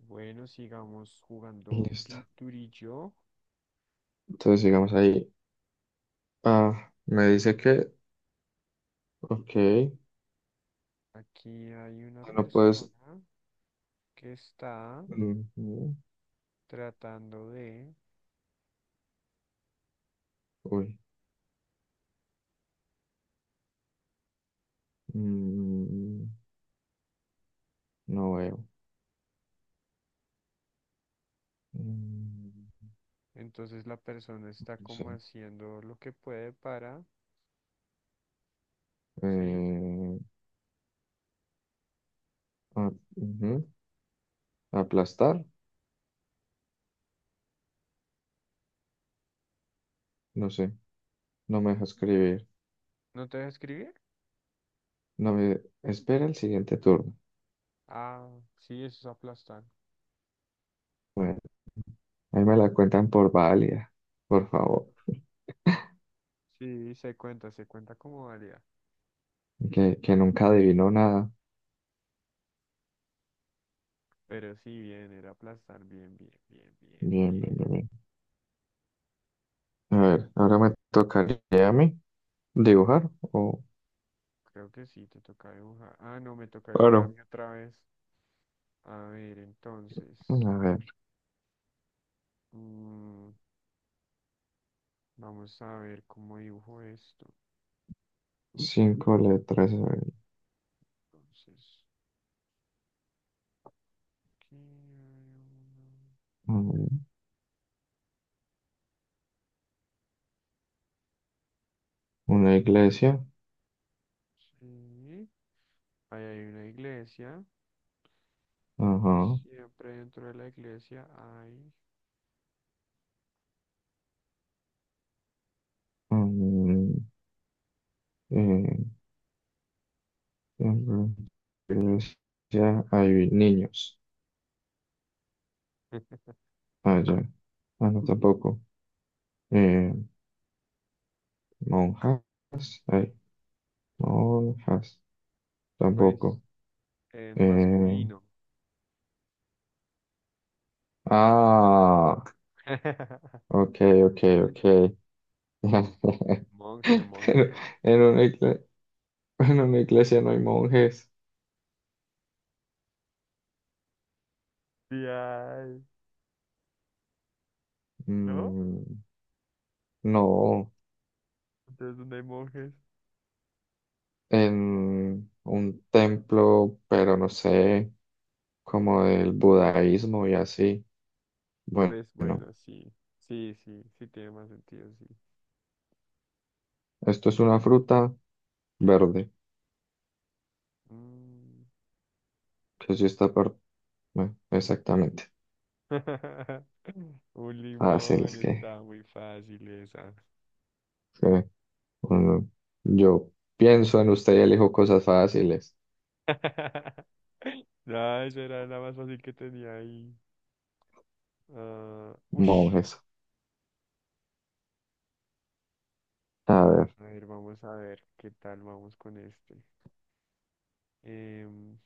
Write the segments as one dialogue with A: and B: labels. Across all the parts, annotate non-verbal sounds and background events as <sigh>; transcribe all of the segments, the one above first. A: Bueno, sigamos jugando
B: Listo.
A: pinturillo.
B: Entonces sigamos ahí. Ah, me dice que, ok,
A: Aquí hay una
B: ah, no puedes.
A: persona que está
B: Ujú.
A: tratando de...
B: Uy, mm, no veo. Mm,
A: Entonces la persona está
B: no sé.
A: como haciendo lo que puede para... ¿Sí?
B: Eh, ujú. Aplastar, no sé. No me deja escribir.
A: ¿No te deja escribir?
B: No me espera el siguiente turno.
A: Ah, sí, eso es aplastar.
B: Bueno, ahí me la cuentan por válida, por favor.
A: Sí, se cuenta como válida.
B: Que nunca adivinó nada.
A: Pero sí, bien, era aplastar. Bien, bien, bien, bien,
B: Bien,
A: bien.
B: bien, bien, bien. A ver, ahora me tocaría a mí dibujar o.
A: Creo que sí, te toca dibujar. Ah, no, me toca dibujar a
B: Claro.
A: mí otra vez. A ver,
B: A
A: entonces.
B: ver.
A: mm, Vamos a ver cómo dibujo esto.
B: 5 letras, a ver.
A: Entonces, aquí hay
B: Mm, Una iglesia.
A: una... sí, ahí hay una iglesia y
B: Ajá.
A: siempre dentro de la iglesia hay,
B: Mm, eh, en la iglesia hay niños.
A: <laughs>
B: Ah, ya. Ah, no, tampoco. Eh, monjas. Hay monjas.
A: pues,
B: Tampoco.
A: en
B: Eh,
A: masculino.
B: ah,
A: <laughs>
B: ok, ok, ok. <laughs>
A: Monje,
B: Pero
A: monje.
B: en una igle- en una iglesia no hay monjes.
A: Sí hay, ¿no?
B: Mm, no.
A: Entonces, ¿dónde hay monjes?
B: En un templo, pero no sé, como del budaísmo y así. Bueno,
A: Pues bueno, sí. Sí, sí, sí tiene más sentido, sí.
B: esto es una fruta verde,
A: Mm.
B: que sí está por... bueno, exactamente.
A: <laughs> Un limón
B: Fáciles
A: está muy fácil esa.
B: que uno- yo pienso en usted y elijo cosas fáciles,
A: <laughs> No, eso era la más fácil que tenía ahí. Ah, ush.
B: monjes. A ver.
A: A ver, vamos a ver qué tal vamos con este. Em,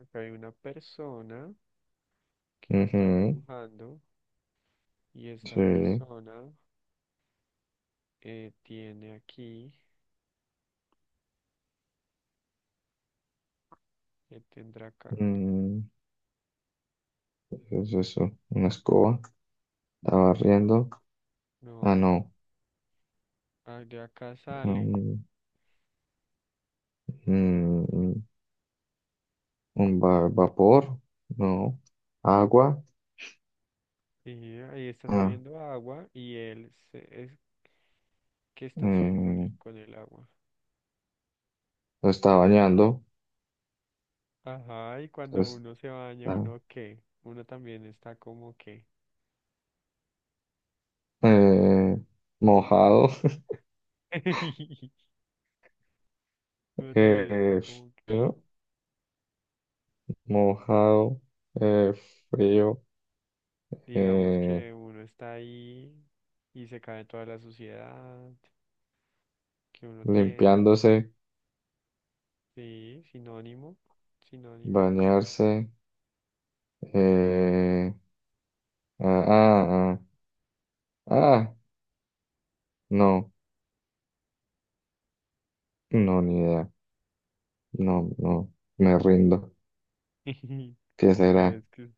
A: Acá hay una persona que lo estoy
B: Ujú.
A: dibujando y esta
B: Sí.
A: persona tiene aquí, ¿qué tendrá acá?
B: mm, ¿qué es eso? Una escoba. Estaba barriendo. Ah,
A: No,
B: no.
A: ah, de acá sale
B: mm, mm, mm. Un vapor, no. Agua,
A: y ahí está
B: ah,
A: saliendo agua y él es, ¿qué está haciendo él
B: mm,
A: con el agua?
B: lo está bañando,
A: Ajá, y cuando uno se baña,
B: está
A: ¿uno qué? Uno también está como que.
B: eh, mojado.
A: <laughs>
B: <laughs>
A: Uno también está
B: eh,
A: como que.
B: Frío, mojado, eh, frío,
A: Digamos
B: eh,
A: que uno está ahí y se cae toda la suciedad que uno tiene.
B: limpiándose,
A: Sí, sinónimo, sinónimo.
B: bañarse, eh, ah, ah, ah, ah, no, no, ni idea, no, no, me rindo.
A: <laughs>
B: ¿Qué
A: Bueno,
B: será?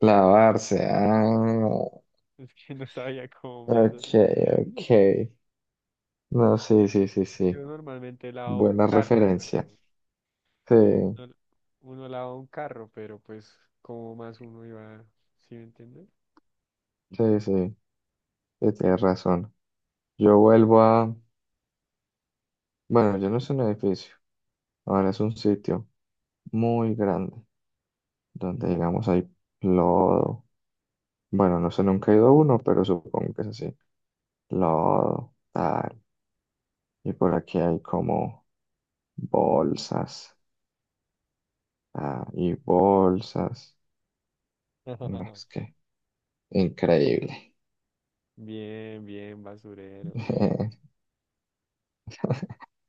B: Lavarse, ah,
A: es que no sabía cómo más.
B: ok, ok. No, sí, sí, sí,
A: Yo
B: sí.
A: normalmente lavo un
B: Buena
A: carro, pero
B: referencia. Sí,
A: uno, uno lava un carro, pero pues como más uno iba, ¿sí me entiendes?
B: sí, sí. Sí, tienes razón. Yo vuelvo a... Bueno, yo no es un edificio. Ahora es un sitio muy grande donde, digamos, hay lodo. Bueno, no sé, nunca he ido a uno, pero supongo que es así. Lodo, tal. Y por aquí hay como bolsas. Ah, y bolsas. No,
A: <laughs>
B: es que increíble.
A: Bien, bien, basurero, bien.
B: <laughs>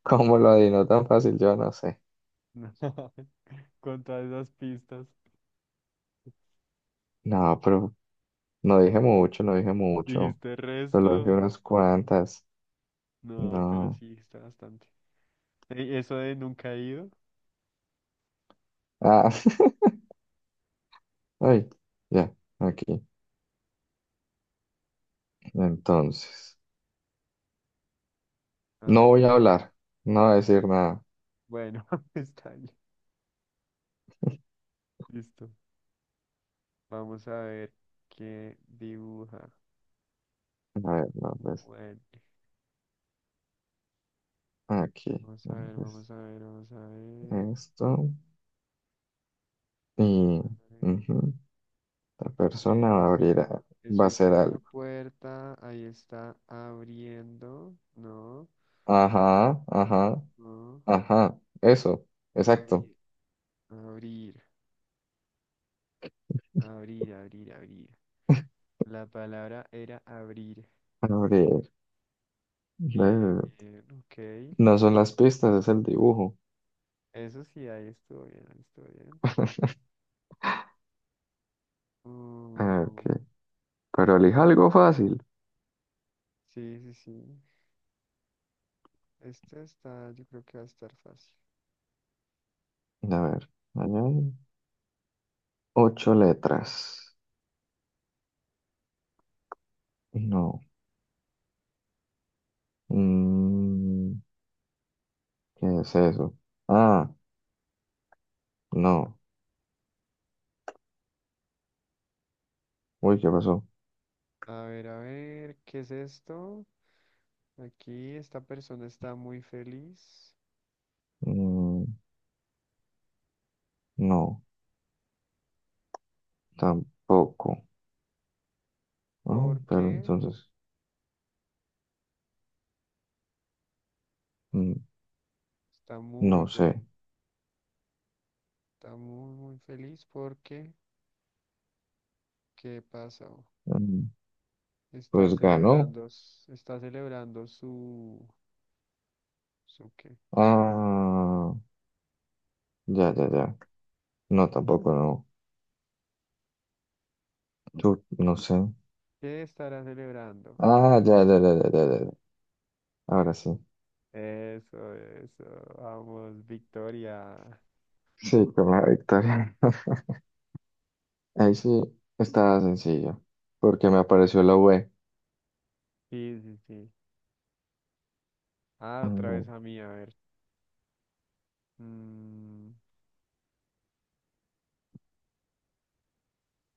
B: ¿Cómo lo adivino tan fácil? Yo no sé.
A: <laughs> Con todas esas pistas.
B: No, pero no dije mucho, no dije mucho.
A: ¿Dijiste
B: Solo dije
A: resto?
B: unas cuantas.
A: No, pero
B: No.
A: sí, está bastante. Ey, eso de nunca he ido.
B: Ah, <laughs> ay, ya, aquí. Entonces,
A: A
B: no
A: ver, a
B: voy a
A: ver.
B: hablar, no voy a decir nada.
A: Bueno, <laughs> está bien. Listo. Vamos a ver qué dibuja.
B: A ver, no, pues,
A: Bueno,
B: aquí.
A: vamos a ver,
B: Pues,
A: vamos a ver, vamos a ver.
B: esto. Y
A: A ver.
B: ujú, la persona
A: Es-
B: va a va a
A: eso es
B: hacer
A: una
B: algo.
A: puerta. Ahí está abriendo. No.
B: Ajá, ajá,
A: No.
B: ajá. Eso, exacto.
A: Abrir. Abrir. Abrir, abrir, abrir. La palabra era abrir.
B: Abrir.
A: Bien,
B: Eh,
A: bien, ok.
B: No son las pistas, es el dibujo.
A: Eso sí, ahí estuvo bien, ahí estuvo bien.
B: <laughs> Ok,
A: Mm,
B: pero elija algo fácil.
A: sí, sí, sí. Este está, yo creo que va a estar fácil.
B: A ver, ahí hay 8 letras. No. Mm, ¿Qué es eso? Ah, no. Uy, ¿qué pasó?
A: A ver, ¿qué es esto? Aquí esta persona está muy feliz
B: Mm, no, tampoco. Ah, pero
A: porque
B: entonces, mm,
A: está muy
B: no
A: feliz.
B: sé.
A: Está muy, muy feliz porque, ¿qué pasó?
B: Mm,
A: Está
B: pues ganó.
A: celebrando, está celebrando su, ¿su qué?
B: Ah, ya, ya, ya. No, tampoco, no. Tú, no sé.
A: ¿Qué estará celebrando?
B: Ah, ya, ya, ya, ya, ya, ya, ya. Ahora sí.
A: Eso, eso. Vamos, Victoria.
B: Sí, con la victoria. <laughs> Ahí sí estaba sencillo, porque me apareció la V.
A: Sí, sí, sí. Ah, otra vez a mí, a ver. Mm,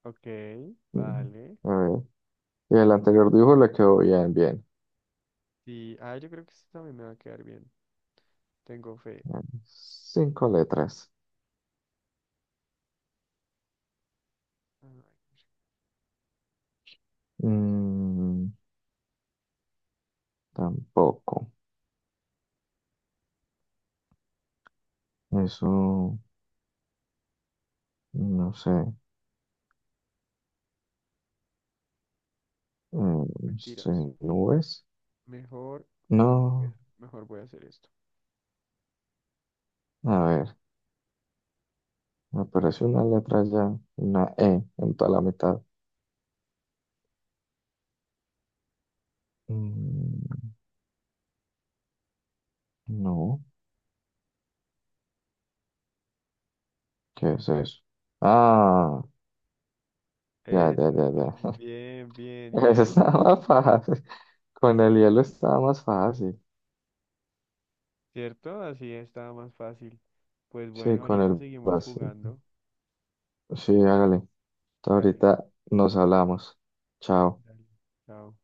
A: ok,
B: Ujú.
A: vale.
B: A ver. Y el anterior dibujo le quedó
A: Pues,
B: bien, bien.
A: sí, ah, yo creo que esto también me va a quedar bien. Tengo fe.
B: 5 letras.
A: Ay,
B: Mm, tampoco. Eso, no sé. Mm,
A: no,
B: sí,
A: mentiras.
B: nubes.
A: Mejor,
B: No.
A: mejor voy a hacer esto.
B: A ver, me apareció una letra ya, una E en toda la mitad. Mm, no. ¿Qué es eso? Ah, ya, ya, ya,
A: Eso,
B: ya.
A: bien,
B: <laughs>
A: bien,
B: Eso
A: hielo.
B: estaba más fácil. Con el hielo estaba más fácil.
A: ¿Cierto? Así está más fácil. Pues
B: Sí,
A: bueno,
B: con
A: ahorita
B: el
A: seguimos
B: vacío.
A: jugando.
B: Sí, hágale.
A: Dale,
B: Ahorita nos hablamos. Chao.
A: dale. Chao.